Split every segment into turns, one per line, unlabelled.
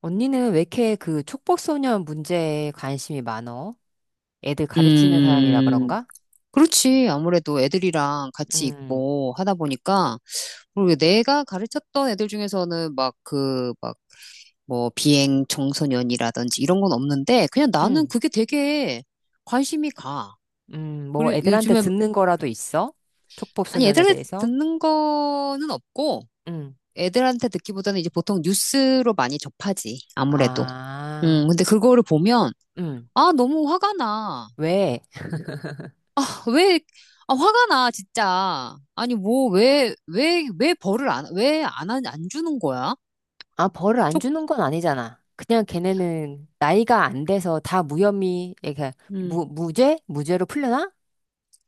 언니는 왜 이렇게 그 촉법소년 문제에 관심이 많어? 애들 가르치는 사람이라
음,
그런가?
그렇지. 아무래도 애들이랑 같이
음.
있고 하다 보니까, 그리고 내가 가르쳤던 애들 중에서는 막 비행 청소년이라든지 이런 건 없는데, 그냥 나는
음.
그게 되게 관심이 가.
음. 뭐
그리고
애들한테
요즘에,
듣는 거라도 있어?
아니,
촉법소년에
애들한테
대해서?
듣는 거는 없고,
음.
애들한테 듣기보다는 이제 보통 뉴스로 많이 접하지. 아무래도.
아,
근데 그거를 보면,
음.
아, 너무 화가 나.
왜?
그 왜, 아, 화가 나, 진짜. 아니, 뭐, 왜 벌을 안, 안 주는 거야?
아, 벌을 안
촉,
주는 건 아니잖아. 그냥 걔네는 나이가 안 돼서 다 무혐의, 이렇게
음,
무죄? 무죄로 풀려나?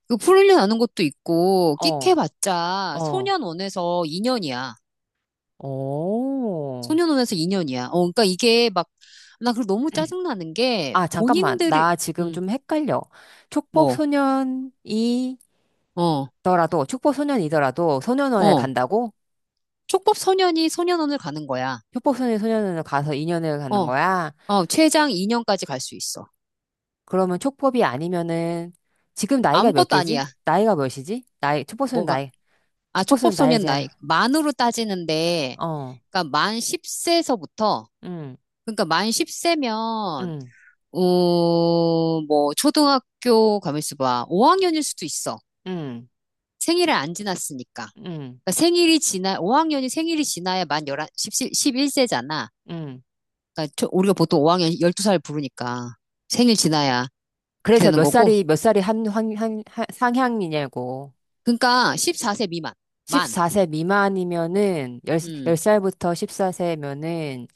그 풀려나는 것도 있고,
어.
끽해봤자,
어.
소년원에서 2년이야.
오.
소년원에서 2년이야. 어, 그러니까 이게 막, 나 그걸 너무 짜증나는 게,
아, 잠깐만.
본인들이,
나 지금
음,
좀 헷갈려.
뭐,
촉법소년이
어,
촉법소년이더라도 소년원에
어,
간다고?
촉법 소년이 소년원을 가는 거야.
촉법소년 소년원에 가서 2년을 가는
어,
거야?
어, 최장 2년까지 갈 수 있어.
그러면 촉법이 아니면은 지금 나이가 몇
아무것도
개지?
아니야.
나이가 몇이지? 나이 촉법소년
뭐가.
나이
아,
촉법소년
촉법소년 나이.
나이자.
만으로 따지는데,
어.
그러니까 만 10세서부터,
응.
그러니까 만 10세면,
응.
초등학교, 가만있어 봐. 5학년일 수도 있어.
응.
생일을 안 지났으니까.
응.
그러니까 생일이 지나, 5학년이 생일이 지나야 만 11, 십일 세잖아.
응.
그러니까 우리가 보통 5학년 12살 부르니까 생일 지나야 그렇게
그래서
되는
몇
거고.
살이 몇 살이 상향이냐고.
그러니까 14세 미만. 만.
14세 미만이면은 10,
음.
살부터 14세면은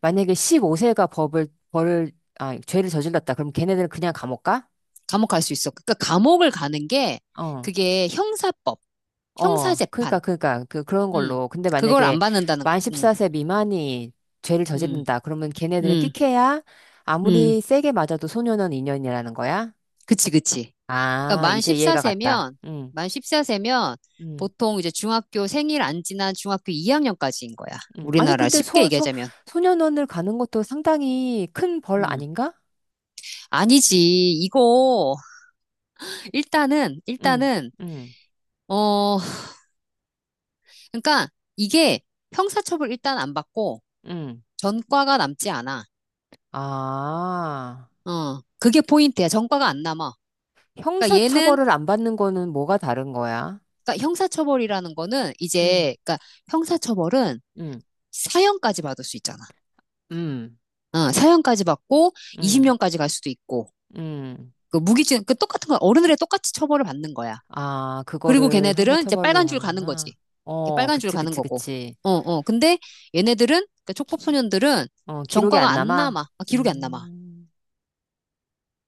만약에 15세가 법을 벌을 아 죄를 저질렀다. 그럼 걔네들은 그냥 감옥 가?
감옥 갈 수 있어. 그러니까 감옥을 가는 게
어,
그게 형사법,
어, 그러니까,
형사재판.
그러니까, 그런
음,
걸로. 근데
그걸
만약에
안 받는다는,
만 14세 미만이 죄를
음,
저지른다. 그러면 걔네들은
음,
끽해야
음.
아무리 세게 맞아도 소년원 인연이라는 거야?
그치, 그치. 그러니까
아,
만
이제 이해가 갔다.
14세면,
응.
만 십사 세면
응.
보통 이제 중학교 생일 안 지난 중학교 2학년까지인 거야.
응. 아니,
우리나라
근데
쉽게
소, 소,
얘기하자면.
소년원을 가는 것도 상당히 큰 벌
음.
아닌가?
아니지. 이거, 일단은,
응.
일단은,
응.
어, 그러니까 이게 형사처벌 일단 안 받고
응.
전과가 남지 않아.
아,
어, 그게 포인트야. 전과가 안 남아. 그러니까
형사처벌을 안 받는 거는 뭐가 다른 거야?
그러니까 형사처벌이라는 거는
응.
이제, 그러니까 형사처벌은
응.
사형까지 받을 수 있잖아.
응.
어, 사형까지 받고
응.
20년까지 갈 수도 있고,
응.
그 똑같은 거, 어른들의 똑같이 처벌을 받는 거야.
아,
그리고
그거를
걔네들은 이제
형사처벌로
빨간 줄 가는
하는구나.
거지. 이렇게
어,
빨간 줄
그치,
가는
그치,
거고.
그치.
어, 어. 근데 얘네들은, 그
기-
촉법소년들은
어, 기록이
전과가
안
안
남아?
남아. 아, 기록이 안 남아.
음.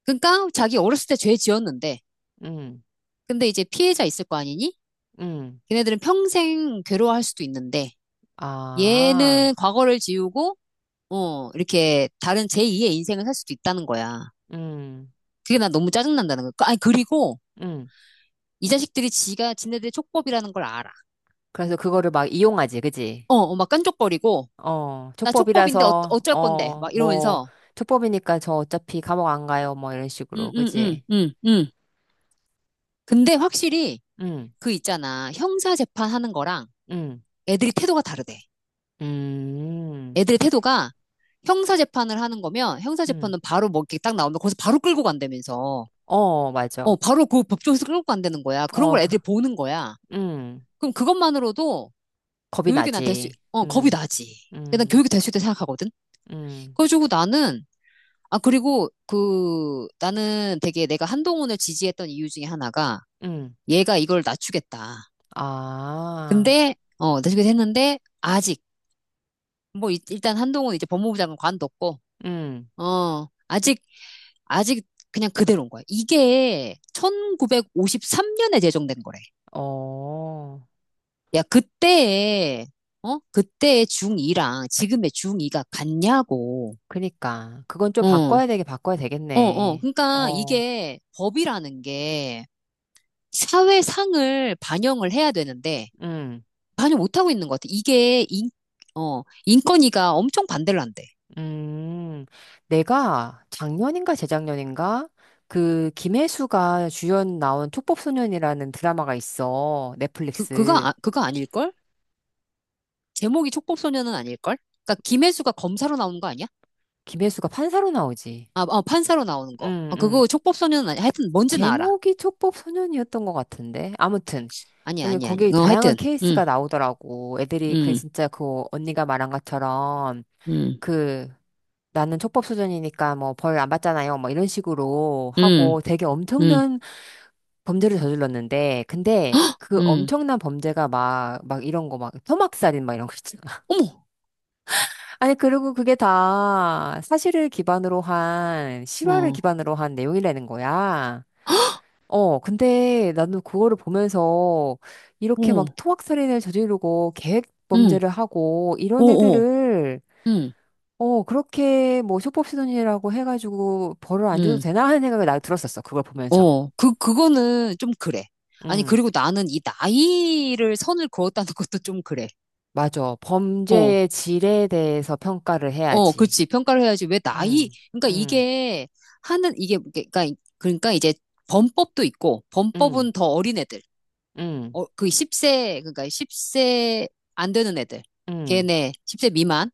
그러니까 자기 어렸을 때 죄 지었는데,
음.
근데 이제 피해자 있을 거 아니니?
음.
걔네들은 평생 괴로워할 수도 있는데, 얘는
아,
과거를 지우고, 어, 이렇게 다른 제2의 인생을 살 수도 있다는 거야.
음.
그게 난 너무 짜증난다는 거야. 아니, 그리고
음.
이 자식들이 지가 지네들의 촉법이라는 걸 알아.
그래서 그거를 막 이용하지, 그치?
어, 어, 막 깐족거리고,
어,
나 촉법인데 어,
촉법이라서,
어쩔 건데,
어,
막
뭐.
이러면서,
촉법이니까 저 어차피 감옥 안 가요, 뭐, 이런
응,
식으로,
응, 응,
그치?
응, 응. 근데 확실히
음.
그 있잖아. 형사 재판하는 거랑
음.
애들이 태도가 다르대.
음.
애들의 태도가 형사 재판을 하는 거면 형사
음.
재판은 바로 뭐 이렇게 딱 나오면 거기서 바로 끌고 간다면서.
어, 맞아.
어, 바로 그 법정에서 끌고 간다는 거야. 그런
어,
걸 애들이 보는 거야.
음.
그럼 그것만으로도
겁이
교육이 난 될 수,
나지.
어, 겁이
음.
나지. 그러니까 난
음.
교육이 될 수 있다 고 생각하거든.
음.
그래가지고 나는, 나는 되게 내가 한동훈을 지지했던 이유 중에 하나가
응.
얘가 이걸 낮추겠다.
아,
근데, 어, 낮추겠다 했는데, 아직, 일단 한동훈 이제 법무부 장관 관뒀고,
응.
어, 아직, 아직 그냥 그대로인 거야. 이게 1953년에 제정된 거래.
어,
야, 그때에, 어? 그때의 중2랑 지금의 중2가 같냐고.
그니까. 그건 좀
어,
바꿔야 되게 바꿔야
어.
되겠네.
그러니까
어.
이게 법이라는 게 사회상을 반영을 해야 되는데
응.
반영 못하고 있는 것 같아. 어, 인권위가 엄청 반대를 한대.
음. 내가 작년인가 재작년인가? 그 김혜수가 주연 나온 촉법소년이라는 드라마가 있어. 넷플릭스.
아, 그거 아닐걸? 제목이 촉법소년은 아닐걸? 그러니까 김혜수가 검사로 나오는 거 아니야?
김혜수가 판사로 나오지.
어, 판사로 나오는 거.
응.
아,
응.
그거 촉법소년은 아니 야 하여튼 뭔지는 알아.
제목이 촉법소년이었던 것 같은데. 아무튼.
아니야, 아니.
거기에
어,
다양한
하여튼. 응,
케이스가 나오더라고. 애들이 그
응,
진짜 그 언니가 말한 것처럼
응,
그 나는 촉법소년이니까 뭐 벌 안 받잖아요. 뭐 이런 식으로
응,
하고 되게
응.
엄청난 범죄를 저질렀는데 근데
헉,
그
응.
엄청난 범죄가 막 막 이런 거 막 토막살인 막 이런 거 있잖아.
어머,
아니, 그리고 그게 다 사실을 기반으로 한 실화를
어,
기반으로 한 내용이라는 거야. 어, 근데 나도 그거를 보면서 이렇게 막
어,
토막살인을 저지르고 계획
응,
범죄를 하고 이런
오, 오,
애들을,
응,
어, 그렇게 뭐 소법시도니라고 해가지고 벌을 안 줘도
응.
되나 하는 생각이 나 들었었어. 그걸 보면서.
그, 그거는 좀 그래. 아니,
응,
그리고 나는 이 나이를 선을 그었다는 것도 좀 그래.
맞아.
어,
범죄의 질에 대해서 평가를
어,
해야지.
그렇지. 평가를 해야지. 왜 나이,
응.
그러니까
응.
이게 하는, 이게, 그러니까, 그러니까 이제 범법도 있고,
응.
범법은 더 어린 애들.
응.
그 10세, 그러니까 10세 안 되는 애들.
응.
걔네, 10세 미만.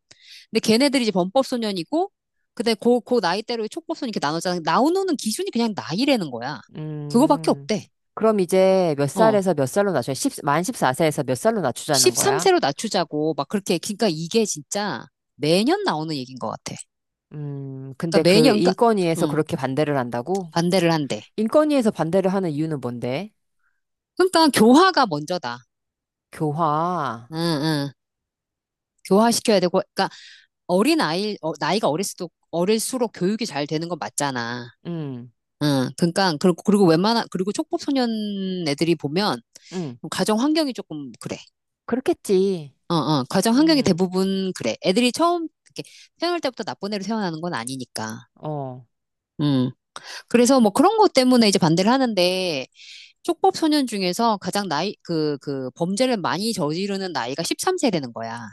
근데 걔네들이 이제 범법소년이고, 근데 그 나이대로 촉법소년 이렇게 나누잖아. 나오는 기준이 그냥 나이라는 거야. 그거밖에
응.
없대.
그럼 이제 몇
어.
살에서 몇 살로 낮춰? 십만 14세에서 몇 살로 낮추자는 거야?
13세로 낮추자고 막 그렇게. 그러니까 이게 진짜 매년 나오는 얘기인 것 같아.
근데
그러니까
그
매년 그러니까
인권위에서
응,
그렇게 반대를 한다고?
반대를 한대.
인권위에서 반대를 하는 이유는 뭔데?
그러니까 교화가 먼저다.
교화.
응, 응. 교화시켜야 되고 그러니까 어린 아이, 어, 나이가 어릴수록 교육이 잘 되는 건 맞잖아.
응,
응. 그러니까 그리고 웬만한 그리고 촉법소년 애들이 보면
응,
가정 환경이 조금 그래.
그렇겠지.
어, 어. 가정 환경이
음.
대부분 그래. 애들이 처음 이렇게 태어날 때부터 나쁜 애로 태어나는 건 아니니까.
어.
음. 그래서 뭐 그런 것 때문에 이제 반대를 하는데 쪽법 소년 중에서 가장 나이, 그 그 범죄를 많이 저지르는 나이가 13세라는 거야.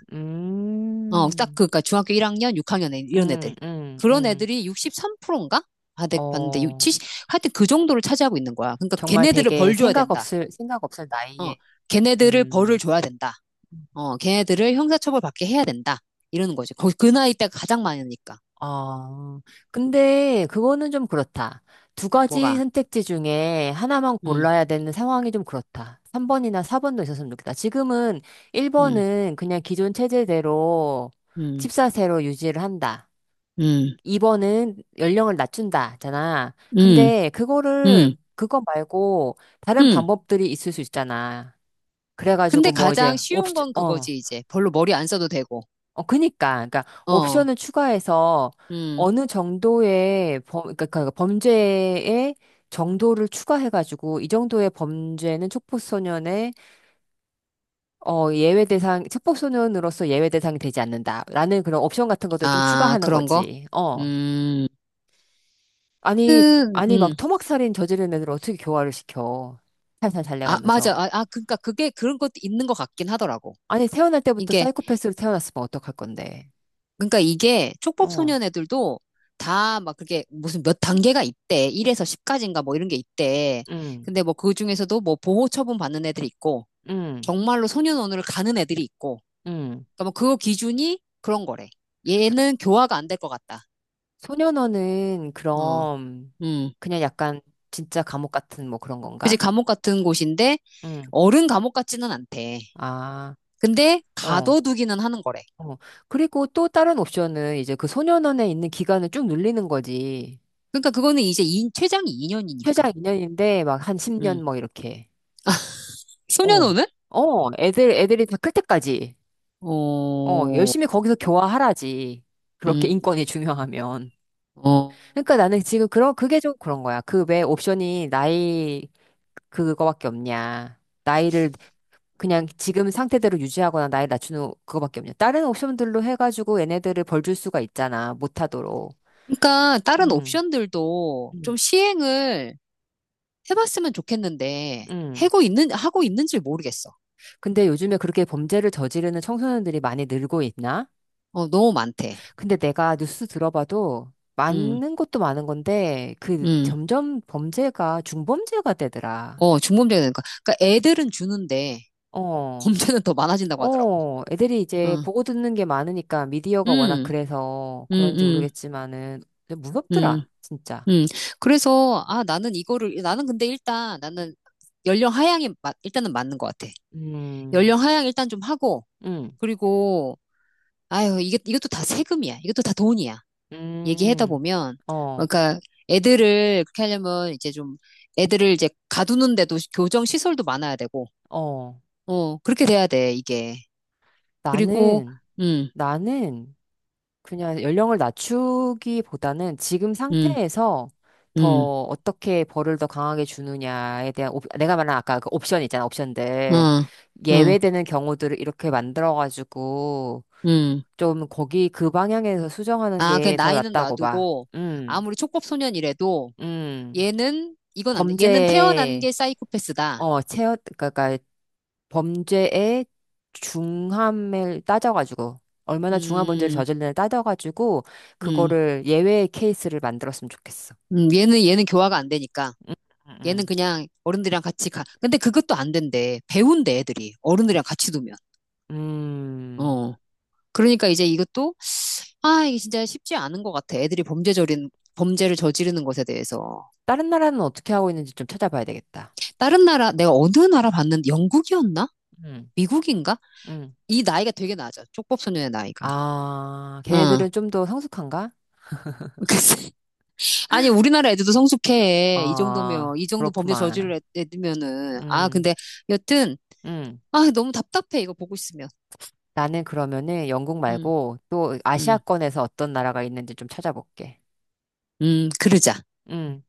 어,
음.
그니까 중학교 1학년, 이런 애들.
음. 음.
그런
음.
애들이 63%인가? 아, 내 봤는데
어.
70, 하여튼 그 정도를 차지하고 있는 거야. 그러니까
정말
걔네들을
되게
벌 줘야
생각
된다.
없을, 생각 없을
어.
나이에.
걔네들을 벌을
음.
줘야 된다. 어, 걔네들을 형사처벌 받게 해야 된다. 이러는 거지. 거기 그 나이 때가 가장 많으니까.
아, 근데 그거는 좀 그렇다. 두 가지
뭐가?
선택지 중에 하나만
음.
골라야 되는 상황이 좀 그렇다. 3번이나 4번도 있었으면 좋겠다. 지금은
음.
1번은 그냥 기존 체제대로
음.
집사세로 유지를 한다.
음.
2번은 연령을 낮춘다잖아.
음.
근데
음.
그거 말고 다른
음.
방법들이 있을 수 있잖아.
근데
그래가지고 뭐
가장
이제
쉬운
옵션.
건
어.
그거지, 이제. 별로 머리 안 써도 되고.
어 그니까 그러니까
어,
옵션을 추가해서
음,
어느 정도의 범 그러니까 그 범죄의 정도를 추가해가지고, 이 정도의 범죄는 촉법소년의 어 예외 대상 촉법소년으로서 예외 대상이 되지 않는다라는 그런 옵션 같은 것도 좀
아,
추가하는
그런 거?
거지. 어.
음,
아니,
그,
아니, 막
음,
토막살인 저지른 애들 어떻게 교화를 시켜? 살살
아, 맞아.
달래가면서.
아, 그러니까 그게 그런 것도 있는 것 같긴 하더라고.
아니, 태어날 때부터
이게,
사이코패스로 태어났으면 어떡할 건데.
그러니까 이게
어.
촉법소년 애들도 다 막 그게 무슨 몇 단계가 있대. 1에서 10까지인가 뭐 이런 게 있대.
응.
근데 뭐 그 중에서도 뭐 보호 처분 받는 애들이 있고,
응.
정말로 소년원을 가는 애들이 있고,
응.
그러니까 뭐 그거 기준이 그런 거래. 얘는 교화가 안 될 것 같다.
소년원은
어,
그럼
음.
그냥 약간 진짜 감옥 같은 뭐 그런
그지
건가?
감옥 같은 곳인데
응.
어른 감옥 같지는 않대.
아.
근데
어.
가둬두기는 하는 거래.
어. 그리고 또 다른 옵션은 이제 그 소년원에 있는 기간을 쭉 늘리는 거지.
그러니까 그거는 이제 이, 최장 2년이니까.
최장 2년인데 막 한
음.
10년 뭐 이렇게. 어,
소년원은?
어, 애들이 다 클 때까지. 어,
어,
열심히 거기서 교화하라지. 그렇게
음,
인권이 중요하면.
어.
그러니까 나는 지금 그게 좀 그런 거야. 그 왜 옵션이 나이, 그거밖에 없냐. 나이를 그냥 지금 상태대로 유지하거나 나이 낮추는 그거밖에 없냐. 다른 옵션들로 해가지고 얘네들을 벌줄 수가 있잖아. 못하도록.
그러니까 다른
음.
옵션들도 좀
음.
시행을 해봤으면 좋겠는데
음.
하고 있는지 모르겠어.
근데 요즘에 그렇게 범죄를 저지르는 청소년들이 많이 늘고 있나?
어, 너무 많대.
근데 내가 뉴스 들어봐도
음,
많은 것도 많은 건데 그
음.
점점 범죄가 중범죄가 되더라.
어, 중범죄가 되니까. 그러니까 애들은 주는데
어.
범죄는 더 많아진다고 하더라고.
어, 애들이 이제
어.
보고 듣는 게 많으니까 미디어가 워낙
음,
그래서
음,
그런지
음,
모르겠지만은 좀
음.
무섭더라, 진짜.
음, 그래서, 나는 근데 일단, 나는 연령 하향이, 일단은 맞는 것 같아.
음.
연령 하향 일단 좀 하고,
음.
그리고, 아유, 이게, 이것도 다 세금이야. 이것도 다 돈이야. 얘기하다
음.
보면,
어.
그러니까 애들을 그렇게 하려면 이제 좀, 애들을 이제 가두는데도 교정 시설도 많아야 되고,
어.
어, 그렇게 돼야 돼, 이게. 그리고,
나는,
음,
나는 그냥 연령을 낮추기보다는 지금
음,
상태에서
음,
더 어떻게 벌을 더 강하게 주느냐에 대한 내가 말한 아까 그 옵션 있잖아,
어,
옵션들.
어,
예외되는 경우들을 이렇게 만들어가지고
음.
좀 거기 그 방향에서 수정하는
아, 그
게 더
나이는
낫다고 봐.
놔두고,
음.
아무리 촉법소년이라도,
음.
얘는 이건 안 돼. 얘는 태어난
범죄에,
게 사이코패스다.
어, 체워 그러니까 범죄의 중함을 따져가지고 얼마나 중한 범죄를
음,
저질렀나 따져가지고
음,
그거를 예외의 케이스를 만들었으면 좋겠어.
얘는 교화가 안 되니까.
음.
얘는
음.
그냥 어른들이랑 같이 가. 근데 그것도 안 된대. 배운대 애들이 어른들이랑 같이 두면.
음.
어. 그러니까 이제 이것도, 아, 이게 진짜 쉽지 않은 것 같아. 애들이 범죄저린 범죄를 저지르는 것에 대해서.
다른 나라는 어떻게 하고 있는지 좀 찾아봐야 되겠다.
다른 나라 내가 어느 나라 봤는데 영국이었나?
음.
미국인가?
음.
이 나이가 되게 낮아. 쪽법소년의 나이가.
아,
어.
걔네들은 좀 더 성숙한가?
그래서, 아니, 우리나라 애들도 성숙해. 이
아,
정도면, 이 정도 범죄
그렇구만.
했으면은. 아,
음.
근데 여튼,
음.
아, 너무 답답해. 이거 보고 있으면.
나는 그러면은 영국
음,
말고 또
음,
아시아권에서 어떤 나라가 있는지 좀 찾아볼게.
그러자.
음.